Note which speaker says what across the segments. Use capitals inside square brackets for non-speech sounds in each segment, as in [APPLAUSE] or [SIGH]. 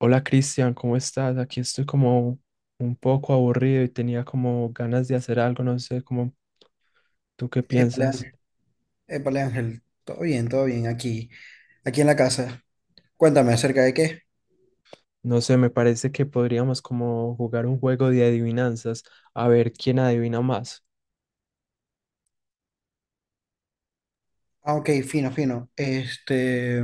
Speaker 1: Hola Cristian, ¿cómo estás? Aquí estoy como un poco aburrido y tenía como ganas de hacer algo, no sé, como tú qué
Speaker 2: Épale,
Speaker 1: piensas.
Speaker 2: Ángel. Épale, Ángel. Todo bien aquí, en la casa. Cuéntame acerca de qué.
Speaker 1: No sé, me parece que podríamos como jugar un juego de adivinanzas, a ver quién adivina más.
Speaker 2: Ah, ok, fino, fino.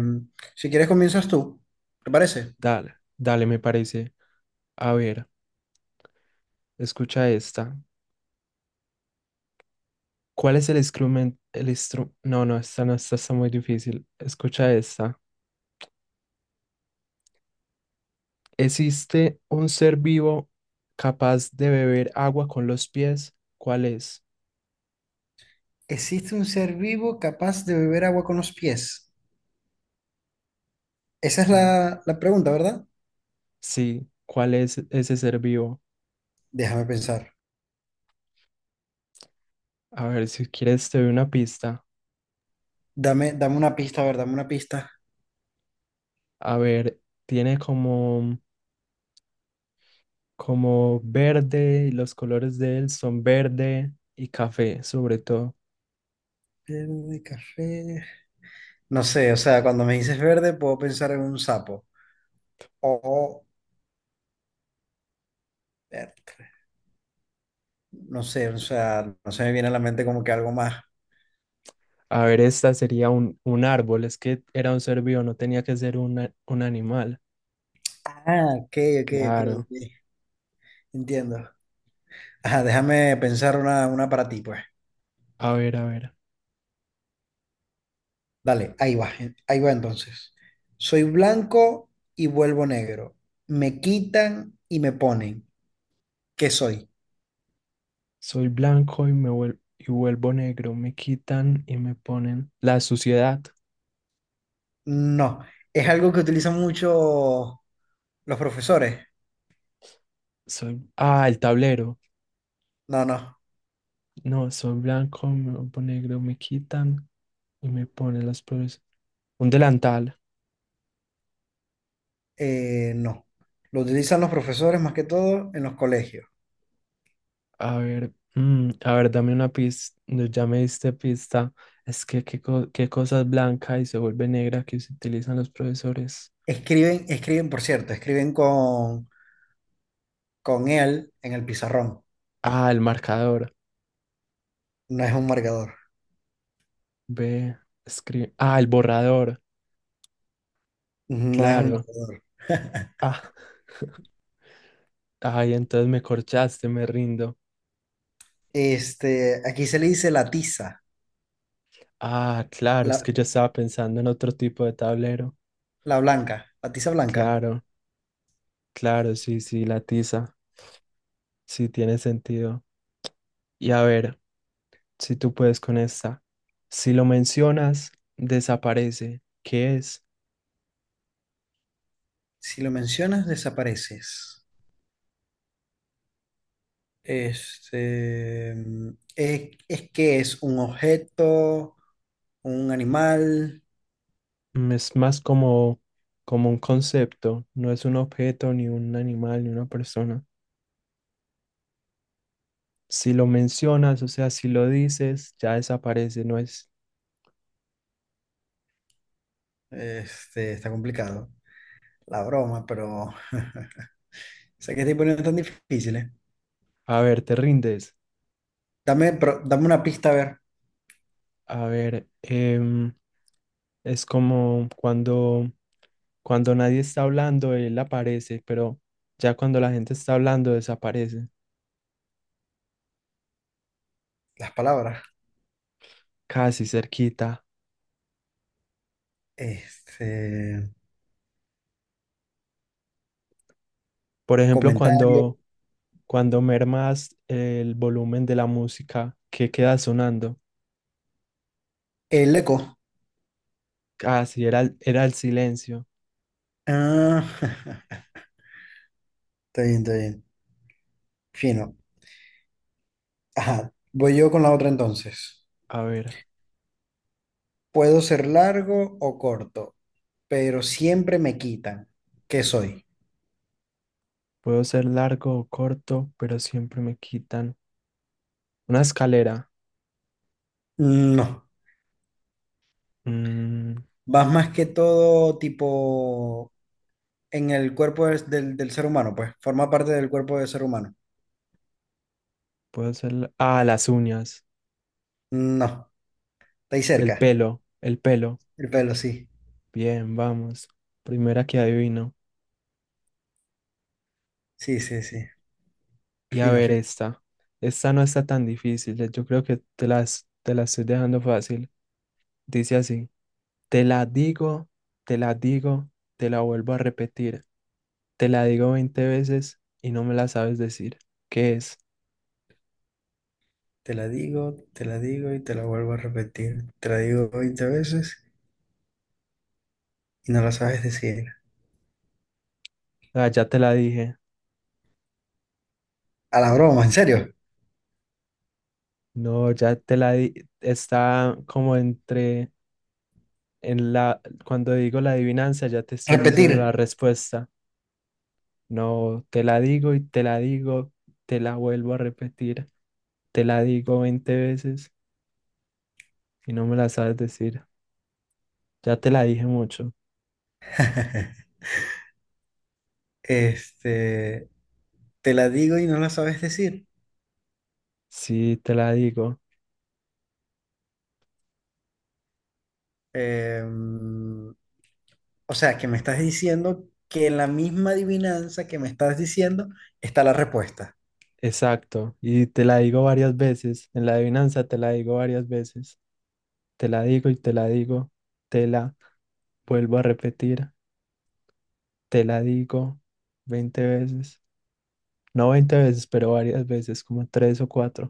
Speaker 2: Si quieres comienzas tú, ¿te parece?
Speaker 1: Dale, dale, me parece. A ver, escucha esta. ¿Cuál es el instrumento? No, no, esta no, esta está muy difícil. Escucha esta. ¿Existe un ser vivo capaz de beber agua con los pies? ¿Cuál es?
Speaker 2: ¿Existe un ser vivo capaz de beber agua con los pies? Esa es
Speaker 1: Sí.
Speaker 2: la pregunta, ¿verdad?
Speaker 1: Sí, ¿cuál es ese ser vivo?
Speaker 2: Déjame pensar.
Speaker 1: A ver, si quieres te doy una pista.
Speaker 2: Dame una pista, a ver, dame una pista.
Speaker 1: A ver, tiene como, como verde, y los colores de él son verde y café, sobre todo.
Speaker 2: Verde, café. No sé, o sea, cuando me dices verde puedo pensar en un sapo. O, o- verde. No sé, o sea, no se me viene a la mente como que algo más.
Speaker 1: A ver, esta sería un árbol, es que era un ser vivo, no tenía que ser un animal.
Speaker 2: Ah, ok,
Speaker 1: Claro.
Speaker 2: ok. Entiendo. Ajá, déjame pensar una para ti, pues.
Speaker 1: A ver, a ver.
Speaker 2: Dale, ahí va entonces. Soy blanco y vuelvo negro. Me quitan y me ponen. ¿Qué soy?
Speaker 1: Soy blanco y y vuelvo negro, me quitan y me ponen la suciedad.
Speaker 2: No. Es algo que utilizan mucho los profesores.
Speaker 1: Soy, ah, el tablero.
Speaker 2: No, no.
Speaker 1: No, soy blanco, me vuelvo negro, me quitan y me pone las flores. Un delantal.
Speaker 2: No. Lo utilizan los profesores más que todo en los colegios.
Speaker 1: A ver, a ver, dame una pista. No, ya me diste pista. Es que qué, qué cosa es blanca y se vuelve negra que se utilizan los profesores.
Speaker 2: Escriben, escriben, por cierto, escriben con él en el pizarrón.
Speaker 1: Ah, el marcador.
Speaker 2: No es un marcador.
Speaker 1: B, escribe. Ah, el borrador.
Speaker 2: No es un
Speaker 1: Claro.
Speaker 2: marcador.
Speaker 1: Ah, ay, entonces me corchaste, me rindo.
Speaker 2: Este, aquí se le dice la tiza,
Speaker 1: Ah, claro, es
Speaker 2: la,
Speaker 1: que yo estaba pensando en otro tipo de tablero.
Speaker 2: la blanca, la tiza blanca.
Speaker 1: Claro, claro, sí, sí, la tiza. Sí, tiene sentido. Y a ver. Si tú puedes con esta. Si lo mencionas, desaparece. ¿Qué es?
Speaker 2: Si lo mencionas, desapareces. Este, es que es un objeto, un animal,
Speaker 1: Mm, es más como un concepto, no es un objeto, ni un animal, ni una persona. Si lo mencionas, o sea, si lo dices, ya desaparece, no es,
Speaker 2: este, está complicado. La broma, pero [LAUGHS] sé que estoy poniendo tan difíciles.
Speaker 1: a ver, te rindes.
Speaker 2: Dame, pero dame una pista a ver
Speaker 1: A ver, es como cuando nadie está hablando, él aparece, pero ya cuando la gente está hablando, desaparece,
Speaker 2: las palabras.
Speaker 1: casi cerquita.
Speaker 2: Este,
Speaker 1: Por ejemplo,
Speaker 2: comentario,
Speaker 1: cuando cuando mermas el volumen de la música, ¿qué queda sonando?
Speaker 2: el eco.
Speaker 1: Ah, sí, era, era el silencio.
Speaker 2: Ah, [LAUGHS] está bien, está bien. Fino. Ajá, voy yo con la otra entonces.
Speaker 1: A ver,
Speaker 2: Puedo ser largo o corto, pero siempre me quitan. ¿Qué soy?
Speaker 1: puedo ser largo o corto, pero siempre me quitan. Una escalera.
Speaker 2: No,
Speaker 1: Mm,
Speaker 2: vas más que todo tipo en el cuerpo del ser humano, pues forma parte del cuerpo del ser humano.
Speaker 1: puedo ser ah, las uñas.
Speaker 2: No, está ahí
Speaker 1: El
Speaker 2: cerca,
Speaker 1: pelo, el pelo.
Speaker 2: el pelo, sí.
Speaker 1: Bien, vamos. Primera que adivino.
Speaker 2: Sí, sí, sí.
Speaker 1: Y a
Speaker 2: Fino,
Speaker 1: ver
Speaker 2: fino.
Speaker 1: esta. Esta no está tan difícil. Yo creo que te la estoy dejando fácil. Dice así. Te la digo, te la digo, te la vuelvo a repetir. Te la digo 20 veces y no me la sabes decir. ¿Qué es?
Speaker 2: Te la digo y te la vuelvo a repetir. Te la digo 20 veces y no la sabes decir.
Speaker 1: Ah, ya te la dije.
Speaker 2: A la broma, ¿en serio?
Speaker 1: No, ya te la di. Está como entre en la cuando digo la adivinanza, ya te estoy diciendo la
Speaker 2: Repetir.
Speaker 1: respuesta. No, te la digo y te la digo, te la vuelvo a repetir. Te la digo 20 veces y no me la sabes decir. Ya te la dije mucho.
Speaker 2: [LAUGHS] Este, te la digo y no la sabes decir.
Speaker 1: Sí, te la digo.
Speaker 2: Em, o sea, que me estás diciendo que en la misma adivinanza que me estás diciendo está la respuesta.
Speaker 1: Exacto. Y te la digo varias veces. En la adivinanza te la digo varias veces. Te la digo y te la digo, te la vuelvo a repetir, te la digo 20 veces, no 20 veces, pero varias veces, como tres o cuatro.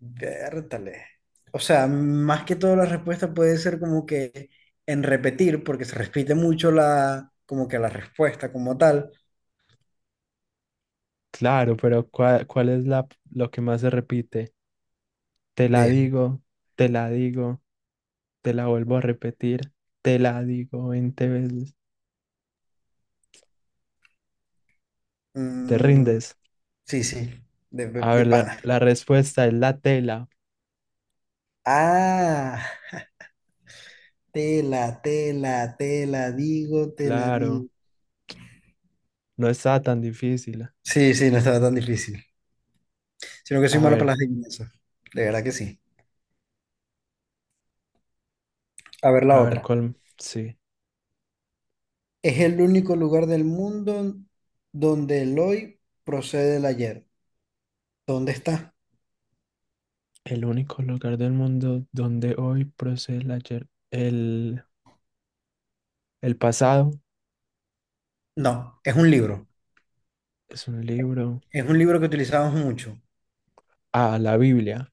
Speaker 2: Vértale. O sea, más que todo la respuesta puede ser como que en repetir, porque se repite mucho como que la respuesta como tal
Speaker 1: Claro, pero ¿cuál es lo que más se repite? Te la
Speaker 2: de...
Speaker 1: digo, te la digo, te la vuelvo a repetir, te la digo 20 veces. ¿Te
Speaker 2: Mm,
Speaker 1: rindes?
Speaker 2: sí, sí,
Speaker 1: A
Speaker 2: de
Speaker 1: ver, la,
Speaker 2: pana.
Speaker 1: la respuesta es la tela.
Speaker 2: Ah, te la digo, te la digo.
Speaker 1: Claro, no está tan difícil.
Speaker 2: Sí, sí, no estaba tan difícil. Sino que soy
Speaker 1: A
Speaker 2: malo para
Speaker 1: ver,
Speaker 2: las adivinanzas. De verdad que sí. A ver la
Speaker 1: a ver
Speaker 2: otra.
Speaker 1: cuál, sí.
Speaker 2: Es el único lugar del mundo donde el hoy procede del ayer. ¿Dónde está?
Speaker 1: El único lugar del mundo donde hoy procede el ayer, el pasado,
Speaker 2: No, es un libro.
Speaker 1: es un libro.
Speaker 2: Es un libro que utilizamos mucho.
Speaker 1: Ah, la Biblia.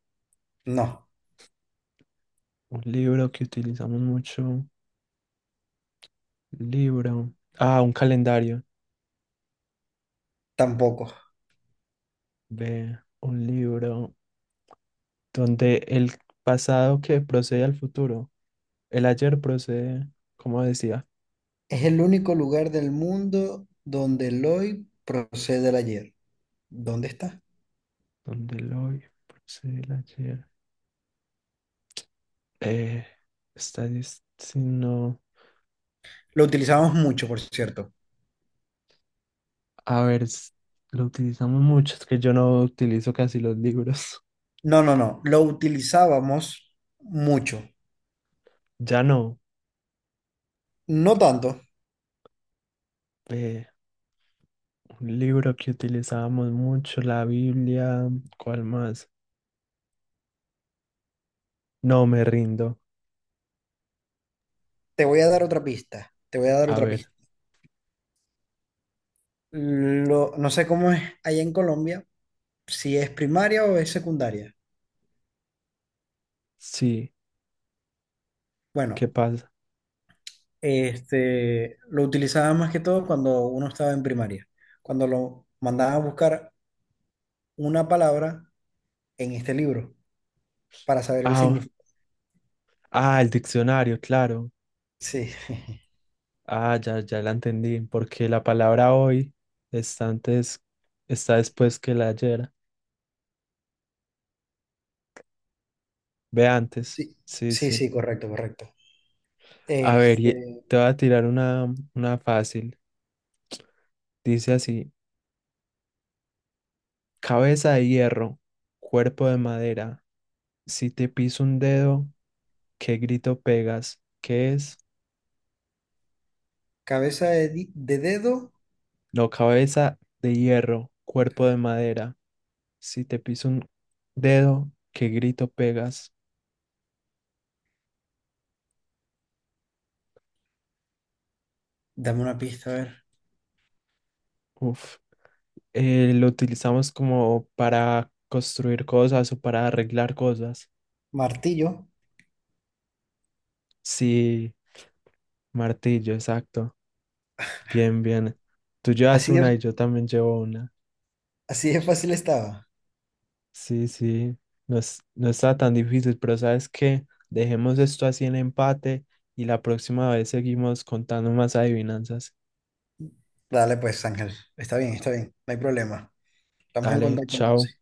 Speaker 2: No,
Speaker 1: Un libro que utilizamos mucho. Libro. Ah, un calendario.
Speaker 2: tampoco.
Speaker 1: Ve, un libro donde el pasado que procede al futuro. El ayer procede, como decía,
Speaker 2: Es el único lugar del mundo donde el hoy procede del ayer. ¿Dónde está?
Speaker 1: donde el hoy procede el ayer. Eh, está diciendo.
Speaker 2: Lo utilizábamos mucho, por cierto.
Speaker 1: A ver, lo utilizamos mucho. Es que yo no utilizo casi los libros.
Speaker 2: No, no, no. Lo utilizábamos mucho.
Speaker 1: Ya no.
Speaker 2: No tanto.
Speaker 1: eh, un libro que utilizábamos mucho, la Biblia, ¿cuál más? No me rindo.
Speaker 2: Te voy a dar otra pista. Te voy a dar
Speaker 1: A
Speaker 2: otra
Speaker 1: ver,
Speaker 2: pista. Lo, no sé cómo es allá en Colombia, si es primaria o es secundaria.
Speaker 1: sí, ¿qué
Speaker 2: Bueno,
Speaker 1: pasa?
Speaker 2: este, lo utilizaba más que todo cuando uno estaba en primaria, cuando lo mandaban a buscar una palabra en este libro para saber el
Speaker 1: Ah,
Speaker 2: significado.
Speaker 1: ah, el diccionario, claro.
Speaker 2: Sí, [LAUGHS]
Speaker 1: Ah, ya, ya la entendí, porque la palabra hoy está antes, está después que la ayer. Ve antes.
Speaker 2: sí,
Speaker 1: Sí,
Speaker 2: sí,
Speaker 1: sí.
Speaker 2: sí, correcto, correcto.
Speaker 1: A ver,
Speaker 2: Este,
Speaker 1: te voy a tirar una fácil. Dice así, cabeza de hierro, cuerpo de madera. Si te piso un dedo, ¿qué grito pegas? ¿Qué es?
Speaker 2: de dedo.
Speaker 1: No, cabeza de hierro, cuerpo
Speaker 2: Cabeza,
Speaker 1: de madera. Si te piso un dedo, ¿qué grito pegas?
Speaker 2: dame una pista, a ver.
Speaker 1: Uf. Lo utilizamos como para construir cosas o para arreglar cosas.
Speaker 2: Martillo,
Speaker 1: Sí, martillo, exacto. Bien, bien. Tú llevas
Speaker 2: así
Speaker 1: una
Speaker 2: de,
Speaker 1: y yo también llevo una.
Speaker 2: así de fácil estaba.
Speaker 1: Sí, sí. No, no está tan difícil, pero ¿sabes qué? Dejemos esto así en empate y la próxima vez seguimos contando más adivinanzas.
Speaker 2: Dale pues, Ángel, está bien, no hay problema. Estamos en
Speaker 1: Dale,
Speaker 2: contacto
Speaker 1: chao.
Speaker 2: entonces.